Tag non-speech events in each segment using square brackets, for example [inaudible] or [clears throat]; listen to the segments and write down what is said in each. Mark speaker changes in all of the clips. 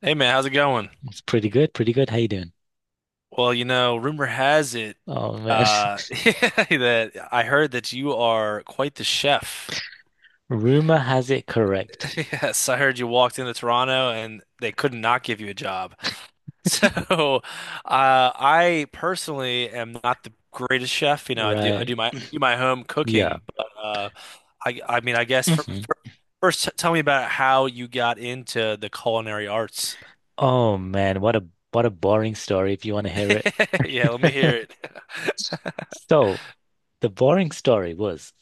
Speaker 1: Hey man, how's it going?
Speaker 2: It's pretty good, pretty good. How you doing?
Speaker 1: Well, rumor has it
Speaker 2: Oh man.
Speaker 1: [laughs] that I heard that you are quite the chef.
Speaker 2: [laughs] Rumor has it correct.
Speaker 1: [laughs] Yes, I heard you walked into Toronto and they could not give you a job. [laughs] So, I personally am not the greatest chef, you know, I do I
Speaker 2: Right.
Speaker 1: do my home cooking,
Speaker 2: Yeah.
Speaker 1: but I mean, I guess for,
Speaker 2: Hmm.
Speaker 1: for first tell me about how you got into the culinary arts.
Speaker 2: Oh man, what a boring story if you want to hear it.
Speaker 1: [laughs] Yeah, let me
Speaker 2: [laughs]
Speaker 1: hear
Speaker 2: So the boring story was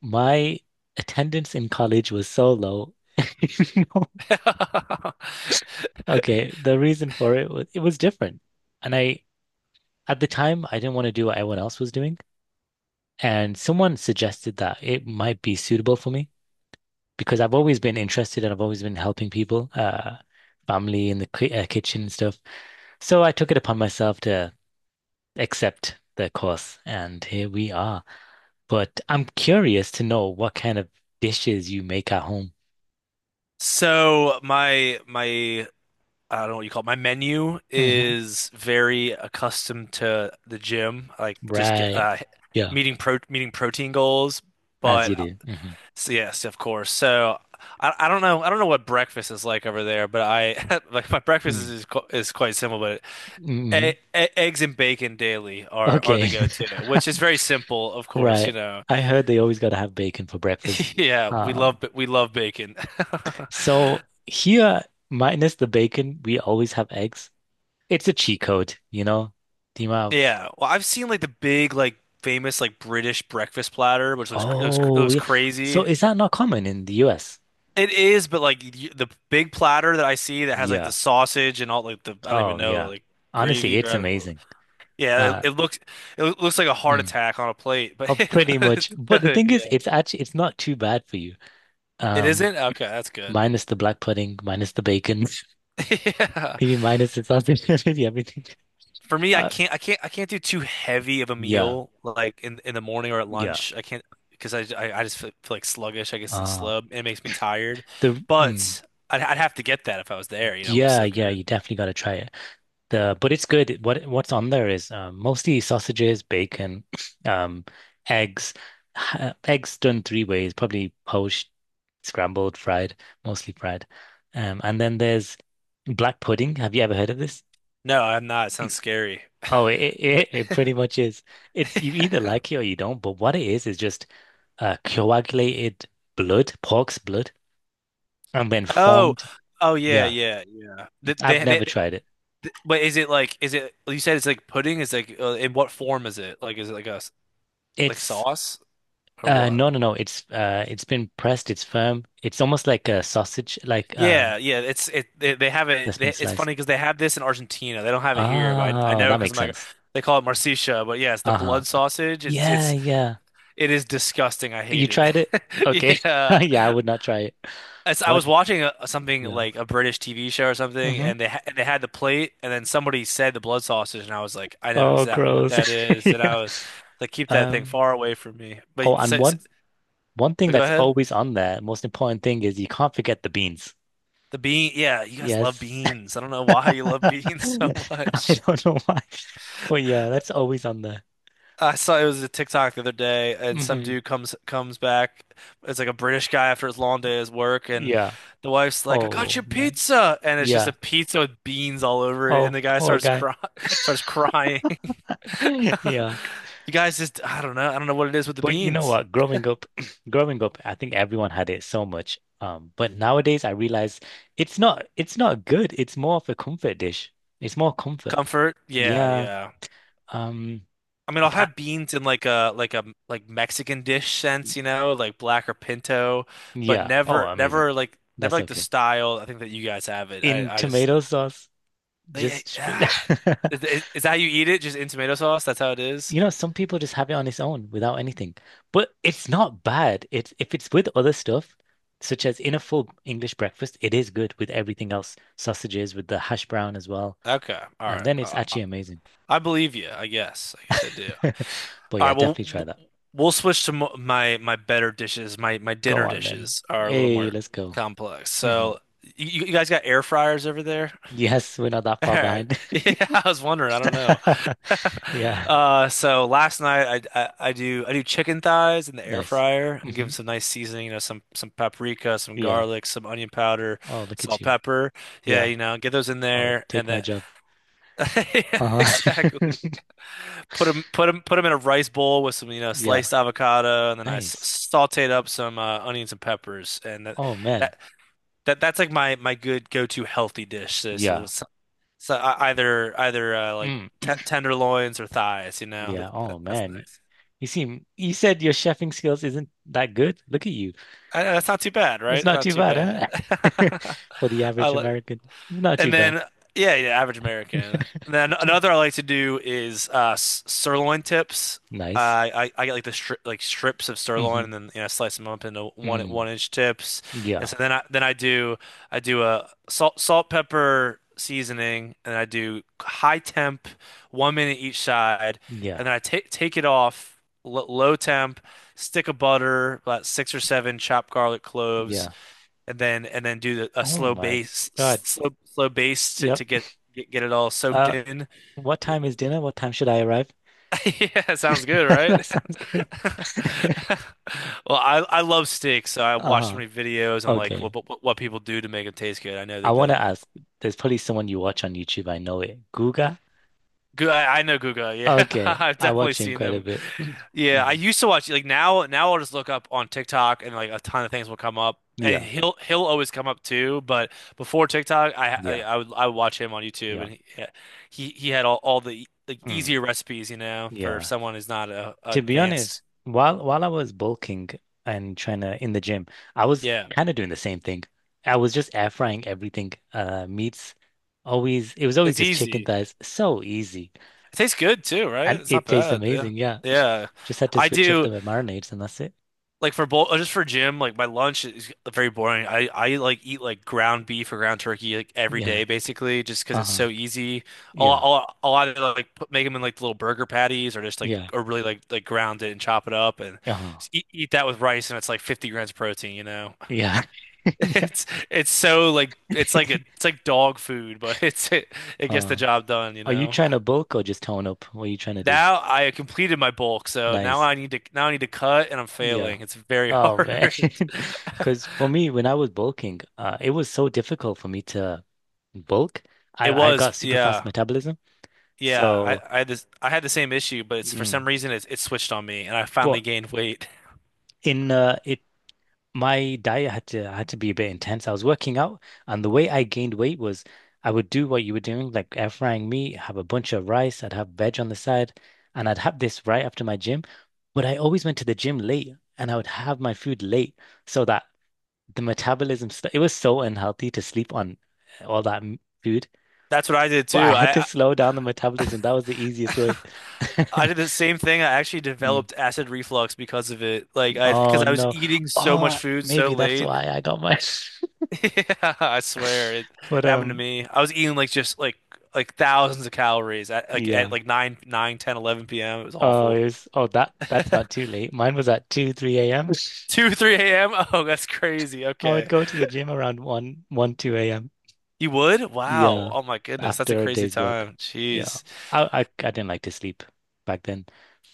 Speaker 2: my attendance in college was so low. [laughs]
Speaker 1: it. [laughs]
Speaker 2: Okay, the reason for it was different. And I at the time I didn't want to do what everyone else was doing. And someone suggested that it might be suitable for me, because I've always been interested and I've always been helping people, family in the ki kitchen and stuff. So I took it upon myself to accept the course, and here we are. But I'm curious to know what kind of dishes you make at home.
Speaker 1: So my I don't know what you call it. My menu
Speaker 2: Hmm.
Speaker 1: is very accustomed to the gym, like just get
Speaker 2: Right. Yeah,
Speaker 1: meeting protein goals.
Speaker 2: as you
Speaker 1: But
Speaker 2: do. Hmm.
Speaker 1: so yes, of course. So I don't know what breakfast is like over there, but I [laughs] like my breakfast is
Speaker 2: Mm.
Speaker 1: is, qu- is quite simple. But e
Speaker 2: Hmm.
Speaker 1: e eggs and bacon daily are the
Speaker 2: Okay.
Speaker 1: go-to,
Speaker 2: [laughs]
Speaker 1: which is very simple, of course. You
Speaker 2: Right.
Speaker 1: know,
Speaker 2: I heard they always got to have bacon for breakfast.
Speaker 1: [laughs] yeah,
Speaker 2: Um,
Speaker 1: we love bacon.
Speaker 2: so
Speaker 1: [laughs]
Speaker 2: here, minus the bacon, we always have eggs. It's a cheat code, you know, the
Speaker 1: Yeah, well, I've seen like the big, like famous, like British breakfast platter, which it
Speaker 2: oh,
Speaker 1: looks
Speaker 2: yeah. So
Speaker 1: crazy.
Speaker 2: is that not common in the US?
Speaker 1: It is, but like the big platter that I see that has like the
Speaker 2: Yeah.
Speaker 1: sausage and all like the I don't even
Speaker 2: Oh,
Speaker 1: know
Speaker 2: yeah.
Speaker 1: like
Speaker 2: Honestly,
Speaker 1: gravy or
Speaker 2: it's
Speaker 1: I don't know.
Speaker 2: amazing.
Speaker 1: Yeah, it,
Speaker 2: Uh,
Speaker 1: it looks it loo- looks like a heart
Speaker 2: mm.
Speaker 1: attack on a plate, but
Speaker 2: Oh,
Speaker 1: [laughs]
Speaker 2: pretty
Speaker 1: it's
Speaker 2: much. But the
Speaker 1: good.
Speaker 2: thing is,
Speaker 1: Yeah,
Speaker 2: it's actually, it's not too bad for you.
Speaker 1: it
Speaker 2: Um,
Speaker 1: isn't. Okay, that's good.
Speaker 2: Minus the black pudding, minus the bacon,
Speaker 1: [laughs] Yeah.
Speaker 2: [laughs] maybe minus the sausage, [laughs] maybe everything.
Speaker 1: For me,
Speaker 2: Uh,
Speaker 1: I can't do too heavy of a
Speaker 2: yeah.
Speaker 1: meal like in the morning or at
Speaker 2: Yeah.
Speaker 1: lunch. I can't because I just feel like sluggish, I guess, and
Speaker 2: Uh,
Speaker 1: slub, and it makes me tired.
Speaker 2: the, mm,
Speaker 1: But I'd have to get that if I was there. You know, it looks
Speaker 2: yeah,
Speaker 1: so good.
Speaker 2: yeah, you definitely got to try it. The but it's good. What's on there is mostly sausages, bacon, [clears throat] um, eggs, eggs done three ways, probably poached, scrambled, fried, mostly fried. And then there's black pudding. Have you ever heard of this?
Speaker 1: No, I'm not. It sounds scary.
Speaker 2: Oh, it it pretty much is. It's you either like it or you don't. But what it is just coagulated blood, pork's blood, and then
Speaker 1: Oh,
Speaker 2: formed.
Speaker 1: oh yeah,
Speaker 2: Yeah,
Speaker 1: yeah, yeah.
Speaker 2: I've never tried it.
Speaker 1: But is it like, is it? You said it's like pudding. Is like, in what form is it? Like, is it like a like
Speaker 2: It's
Speaker 1: sauce or what?
Speaker 2: No, no, no. It's been pressed. It's firm. It's almost like a sausage, like
Speaker 1: Yeah, yeah, they have it.
Speaker 2: that's been
Speaker 1: They, it's
Speaker 2: sliced.
Speaker 1: funny because they have this in Argentina. They don't have it here, but I
Speaker 2: Ah,
Speaker 1: know
Speaker 2: that
Speaker 1: because
Speaker 2: makes
Speaker 1: I'm like
Speaker 2: sense.
Speaker 1: they call it morcilla. But yeah, it's the
Speaker 2: Uh-huh.
Speaker 1: blood sausage. It's
Speaker 2: Yeah,
Speaker 1: it's
Speaker 2: yeah.
Speaker 1: it is disgusting. I
Speaker 2: You
Speaker 1: hate it.
Speaker 2: tried it? Okay.
Speaker 1: [laughs]
Speaker 2: [laughs]
Speaker 1: Yeah,
Speaker 2: Yeah, I would not try it.
Speaker 1: as I
Speaker 2: What?
Speaker 1: was watching a, something
Speaker 2: Yeah.
Speaker 1: like a British TV show or something,
Speaker 2: Mm-hmm.
Speaker 1: and they ha and they had the plate, and then somebody said the blood sausage, and I was like, I know
Speaker 2: Oh,
Speaker 1: exactly what
Speaker 2: gross.
Speaker 1: that
Speaker 2: [laughs]
Speaker 1: is, and
Speaker 2: Yeah.
Speaker 1: I was like, keep that thing
Speaker 2: Um.
Speaker 1: far away from me. But
Speaker 2: Oh, and one thing
Speaker 1: but go
Speaker 2: that's
Speaker 1: ahead.
Speaker 2: always on there, most important thing is you can't forget the beans.
Speaker 1: The bean, yeah, you guys love
Speaker 2: Yes.
Speaker 1: beans. I don't know
Speaker 2: [laughs]
Speaker 1: why you love
Speaker 2: I
Speaker 1: beans [laughs] so much.
Speaker 2: don't know why, but yeah, that's always on there.
Speaker 1: I saw it was a TikTok the other day, and some
Speaker 2: Mm-hmm.
Speaker 1: dude comes back. It's like a British guy after his long day at his work, and
Speaker 2: Yeah.
Speaker 1: the wife's like, "I got
Speaker 2: Oh
Speaker 1: you
Speaker 2: man,
Speaker 1: pizza," and it's just
Speaker 2: yeah.
Speaker 1: a pizza with beans all over it, and
Speaker 2: Oh,
Speaker 1: the guy
Speaker 2: poor
Speaker 1: starts
Speaker 2: guy.
Speaker 1: cry [laughs] starts crying. [laughs]
Speaker 2: [laughs] Yeah.
Speaker 1: You guys just, I don't know, what it is with the
Speaker 2: But you know
Speaker 1: beans.
Speaker 2: what? Growing up, [clears throat] growing up, I think everyone had it so much. But nowadays I realize it's not good. It's more of a comfort dish. It's more comfort.
Speaker 1: Comfort, yeah,
Speaker 2: Yeah.
Speaker 1: yeah.
Speaker 2: Um
Speaker 1: I mean, I'll
Speaker 2: that
Speaker 1: have beans in like a like Mexican dish sense, you know, like black or pinto, but
Speaker 2: Yeah. Oh,
Speaker 1: never
Speaker 2: amazing.
Speaker 1: never like never
Speaker 2: That's
Speaker 1: like the
Speaker 2: okay.
Speaker 1: style I think that you guys have it.
Speaker 2: In
Speaker 1: I just.
Speaker 2: tomato sauce,
Speaker 1: Yeah,
Speaker 2: just straight.
Speaker 1: yeah.
Speaker 2: [laughs]
Speaker 1: Is that how you eat it? Just in tomato sauce? That's how it is?
Speaker 2: You know, some people just have it on its own without anything. But it's not bad. It's if it's with other stuff, such as in a full English breakfast, it is good with everything else, sausages with the hash brown as well.
Speaker 1: Okay. All
Speaker 2: And
Speaker 1: right.
Speaker 2: then it's actually amazing.
Speaker 1: I believe you, I guess. I guess I do.
Speaker 2: [laughs] But
Speaker 1: All
Speaker 2: yeah,
Speaker 1: right, well,
Speaker 2: definitely try that.
Speaker 1: we'll switch to mo my my better dishes. My
Speaker 2: Go
Speaker 1: dinner
Speaker 2: on then.
Speaker 1: dishes are a little
Speaker 2: Hey,
Speaker 1: more
Speaker 2: let's go.
Speaker 1: complex.
Speaker 2: Hmm.
Speaker 1: So, you guys got air fryers over there?
Speaker 2: Yes, we're not that
Speaker 1: All
Speaker 2: far
Speaker 1: right.
Speaker 2: behind.
Speaker 1: [laughs] Yeah, I was wondering. I don't know.
Speaker 2: [laughs]
Speaker 1: [laughs]
Speaker 2: Yeah,
Speaker 1: So last night, I do chicken thighs in the air
Speaker 2: nice.
Speaker 1: fryer and give
Speaker 2: Hmm.
Speaker 1: them some nice seasoning, you know, some paprika, some
Speaker 2: Yeah.
Speaker 1: garlic, some onion powder,
Speaker 2: Oh, look at
Speaker 1: salt,
Speaker 2: you.
Speaker 1: pepper. Yeah,
Speaker 2: Yeah.
Speaker 1: you know, get those in
Speaker 2: Oh,
Speaker 1: there and
Speaker 2: take my
Speaker 1: then
Speaker 2: job.
Speaker 1: [laughs] yeah, exactly.
Speaker 2: Uh-huh. [laughs]
Speaker 1: Put them in a rice bowl with some, you know,
Speaker 2: Yeah.
Speaker 1: sliced avocado, and then I s
Speaker 2: Nice.
Speaker 1: sauteed up some onions and peppers, and
Speaker 2: Oh man.
Speaker 1: that that's like my good go-to healthy dish. So,
Speaker 2: Yeah.
Speaker 1: either either like
Speaker 2: Mm.
Speaker 1: t tenderloins or thighs, you know.
Speaker 2: Yeah. Oh
Speaker 1: That's
Speaker 2: man.
Speaker 1: nice.
Speaker 2: You said your chefing skills isn't that good. Look at you.
Speaker 1: I, that's not too bad,
Speaker 2: It's
Speaker 1: right?
Speaker 2: not
Speaker 1: Not
Speaker 2: too
Speaker 1: too
Speaker 2: bad,
Speaker 1: bad.
Speaker 2: huh? [laughs] For the
Speaker 1: [laughs] I
Speaker 2: average
Speaker 1: like.
Speaker 2: American. Not
Speaker 1: And
Speaker 2: too bad.
Speaker 1: then, yeah, yeah, average American.
Speaker 2: [laughs]
Speaker 1: And then another I like to do is sirloin tips.
Speaker 2: Nice.
Speaker 1: I get like the stri like strips of
Speaker 2: Hmm.
Speaker 1: sirloin, and then you know slice them up into one
Speaker 2: Mm.
Speaker 1: one inch tips. And
Speaker 2: Yeah.
Speaker 1: so then I do a salt pepper seasoning, and I do high temp, 1 minute each side,
Speaker 2: Yeah.
Speaker 1: and then I take take it off l low temp, stick of butter, about six or seven chopped garlic cloves,
Speaker 2: Yeah.
Speaker 1: and then do a
Speaker 2: Oh
Speaker 1: slow
Speaker 2: my
Speaker 1: bass,
Speaker 2: God.
Speaker 1: slow bass to,
Speaker 2: Yep.
Speaker 1: get it all soaked
Speaker 2: Uh,
Speaker 1: in. [laughs]
Speaker 2: what time is dinner? What time should I arrive?
Speaker 1: Yeah, sounds good,
Speaker 2: [laughs]
Speaker 1: right?
Speaker 2: That sounds good. [laughs]
Speaker 1: [laughs] Well, I love steak, so I watch so
Speaker 2: Uh-huh.
Speaker 1: many videos on like
Speaker 2: Okay.
Speaker 1: what people do to make them taste good. I know
Speaker 2: I
Speaker 1: that
Speaker 2: want
Speaker 1: the
Speaker 2: to ask, there's probably someone you watch on YouTube. I know it. Guga?
Speaker 1: I know Guga. Yeah,
Speaker 2: Okay.
Speaker 1: [laughs] I've
Speaker 2: I
Speaker 1: definitely
Speaker 2: watch him
Speaker 1: seen
Speaker 2: quite a
Speaker 1: him.
Speaker 2: bit. [clears throat]
Speaker 1: Yeah, I
Speaker 2: Mm.
Speaker 1: used to watch like now. Now I'll just look up on TikTok and like a ton of things will come up, and
Speaker 2: Yeah.
Speaker 1: he'll always come up too. But before TikTok,
Speaker 2: Yeah.
Speaker 1: I would watch him on YouTube,
Speaker 2: Yeah.
Speaker 1: and he yeah, he had all the like
Speaker 2: Mm.
Speaker 1: easier recipes, you know, for
Speaker 2: Yeah.
Speaker 1: someone who's not
Speaker 2: To be honest,
Speaker 1: advanced.
Speaker 2: while I was bulking and trying to in the gym, I was
Speaker 1: Yeah,
Speaker 2: kind of doing the same thing. I was just air frying everything. Meats always it was always
Speaker 1: it's
Speaker 2: just chicken
Speaker 1: easy.
Speaker 2: thighs. So easy.
Speaker 1: It tastes good too, right?
Speaker 2: And
Speaker 1: It's not
Speaker 2: it tastes
Speaker 1: bad. Yeah,
Speaker 2: amazing. Yeah. [sniffs]
Speaker 1: yeah.
Speaker 2: Just had to
Speaker 1: I
Speaker 2: switch up
Speaker 1: do.
Speaker 2: the marinades and that's it.
Speaker 1: Like for both, just for gym, like my lunch is very boring. I like eat like ground beef or ground turkey like every
Speaker 2: Yeah.
Speaker 1: day basically just because it's
Speaker 2: Uh-huh.
Speaker 1: so easy.
Speaker 2: Yeah.
Speaker 1: A lot of like put, make them in like little burger patties, or just like
Speaker 2: Yeah.
Speaker 1: or really like ground it and chop it up and
Speaker 2: Uh-huh.
Speaker 1: just eat that with rice, and it's like 50 grams of protein, you know.
Speaker 2: Yeah. [laughs]
Speaker 1: [laughs]
Speaker 2: Yeah.
Speaker 1: it's it's so like it's like a it's
Speaker 2: [laughs]
Speaker 1: like dog food, but [laughs] it gets the
Speaker 2: Uh,
Speaker 1: job done, you
Speaker 2: are you
Speaker 1: know.
Speaker 2: trying to bulk or just tone up? What are you trying to do?
Speaker 1: Now I completed my bulk, so now
Speaker 2: Nice.
Speaker 1: I need to cut, and I'm
Speaker 2: Yeah.
Speaker 1: failing. It's very [laughs]
Speaker 2: Oh man,
Speaker 1: hard.
Speaker 2: [laughs] because for me, when I was bulking, it was so difficult for me to bulk.
Speaker 1: It
Speaker 2: I
Speaker 1: was,
Speaker 2: got super fast
Speaker 1: yeah,
Speaker 2: metabolism,
Speaker 1: yeah.
Speaker 2: so
Speaker 1: I had this, I had the same issue, but it's for
Speaker 2: mm,
Speaker 1: some reason it switched on me, and I finally
Speaker 2: but
Speaker 1: gained weight. [laughs]
Speaker 2: in it my diet had to be a bit intense. I was working out, and the way I gained weight was I would do what you were doing, like air frying meat, have a bunch of rice, I'd have veg on the side, and I'd have this right after my gym. But I always went to the gym late, and I would have my food late so that the metabolism stuff, it was so unhealthy to sleep on food,
Speaker 1: That's what I did
Speaker 2: but I
Speaker 1: too.
Speaker 2: had to
Speaker 1: I
Speaker 2: slow down the metabolism. That was the easiest way.
Speaker 1: [laughs]
Speaker 2: [laughs]
Speaker 1: I did the same thing. I actually
Speaker 2: Mm.
Speaker 1: developed acid reflux because of it. Like because
Speaker 2: Oh
Speaker 1: I was
Speaker 2: no.
Speaker 1: eating so much
Speaker 2: Oh,
Speaker 1: food so
Speaker 2: maybe that's
Speaker 1: late.
Speaker 2: why I got mine.
Speaker 1: [laughs] Yeah, I swear
Speaker 2: [laughs] But
Speaker 1: it happened to me. I was eating like just like thousands of calories at like
Speaker 2: yeah.
Speaker 1: 9, nine, ten, eleven p.m. It was
Speaker 2: Oh, it
Speaker 1: awful.
Speaker 2: was, oh that that's not too late. Mine was at 2, 3 a.m.
Speaker 1: 2,
Speaker 2: [laughs]
Speaker 1: 3 a.m. [laughs] Oh, that's crazy.
Speaker 2: I would
Speaker 1: Okay.
Speaker 2: go to the gym around 2 a.m.
Speaker 1: You would? Wow.
Speaker 2: Yeah,
Speaker 1: Oh my goodness. That's a
Speaker 2: after a
Speaker 1: crazy
Speaker 2: day's work.
Speaker 1: time.
Speaker 2: Yeah.
Speaker 1: Jeez.
Speaker 2: I didn't like to sleep back then.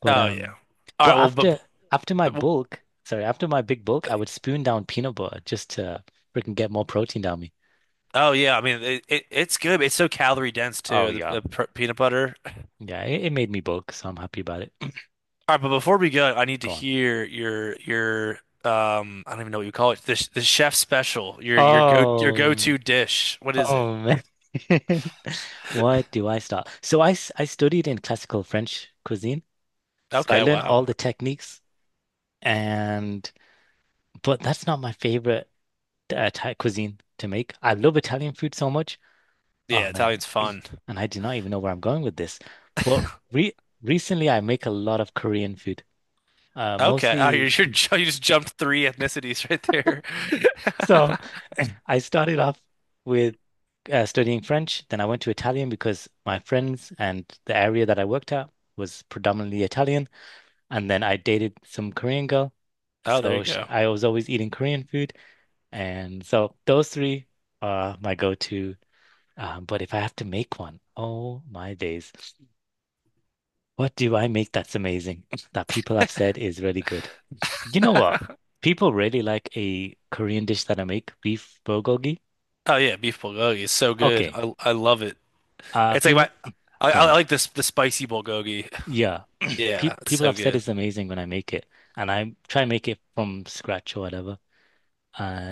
Speaker 2: But
Speaker 1: Oh yeah.
Speaker 2: um
Speaker 1: All right,
Speaker 2: but
Speaker 1: well
Speaker 2: after my
Speaker 1: but-
Speaker 2: bulk, sorry, after my big bulk, I would spoon down peanut butter just to freaking get more protein down me.
Speaker 1: oh yeah, I mean it it's good. But it's so calorie dense
Speaker 2: Oh
Speaker 1: too.
Speaker 2: yeah.
Speaker 1: The peanut butter.
Speaker 2: Yeah, it made me bulk, so I'm happy about it. [clears throat]
Speaker 1: All right, but before we go, I need to
Speaker 2: Go on.
Speaker 1: hear your I don't even know what you call it. The the chef special. Your go your
Speaker 2: Oh,
Speaker 1: go-to dish. What is it?
Speaker 2: oh man. [laughs] What do I start? So I studied in classical French cuisine. So I
Speaker 1: Okay,
Speaker 2: learned
Speaker 1: wow.
Speaker 2: all the techniques and but that's not my favorite Thai cuisine to make. I love Italian food so much. Oh
Speaker 1: Yeah,
Speaker 2: man,
Speaker 1: Italian's fun.
Speaker 2: [clears throat] and I do not even know where I'm going with this. But re recently, I make a lot of Korean food,
Speaker 1: Okay. [laughs] Oh,
Speaker 2: mostly. [laughs]
Speaker 1: you just jumped three ethnicities right there.
Speaker 2: So
Speaker 1: [laughs]
Speaker 2: [clears throat] I started off with studying French. Then I went to Italian because my friends and the area that I worked at was predominantly Italian. And then I dated some Korean girl.
Speaker 1: Oh, there you
Speaker 2: So sh
Speaker 1: go.
Speaker 2: I was always eating Korean food. And so those three are my go-to. But if I have to make one, oh my days. What do I make that's amazing [laughs] that people have said is really good? You know what? People really like a Korean dish that I make, beef bulgogi.
Speaker 1: Oh yeah, beef bulgogi is so good.
Speaker 2: Okay.
Speaker 1: I love it. It's like
Speaker 2: People,
Speaker 1: my
Speaker 2: go
Speaker 1: I
Speaker 2: on.
Speaker 1: like this the spicy bulgogi.
Speaker 2: Yeah. Pe
Speaker 1: Yeah, it's
Speaker 2: People
Speaker 1: so
Speaker 2: have said
Speaker 1: good.
Speaker 2: it's amazing when I make it, and I try and make it from scratch or whatever.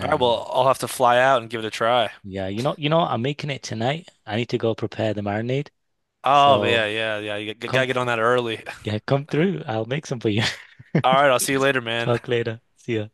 Speaker 1: All right, well, I'll have to fly out and give it a try.
Speaker 2: yeah, you know, I'm making it tonight. I need to go prepare the marinade.
Speaker 1: Oh
Speaker 2: So
Speaker 1: yeah, yeah, yeah. You gotta
Speaker 2: come,
Speaker 1: get on that early.
Speaker 2: yeah, come through. I'll make some for you. [laughs]
Speaker 1: All right, I'll see you later, man. [laughs]
Speaker 2: Talk later. See ya.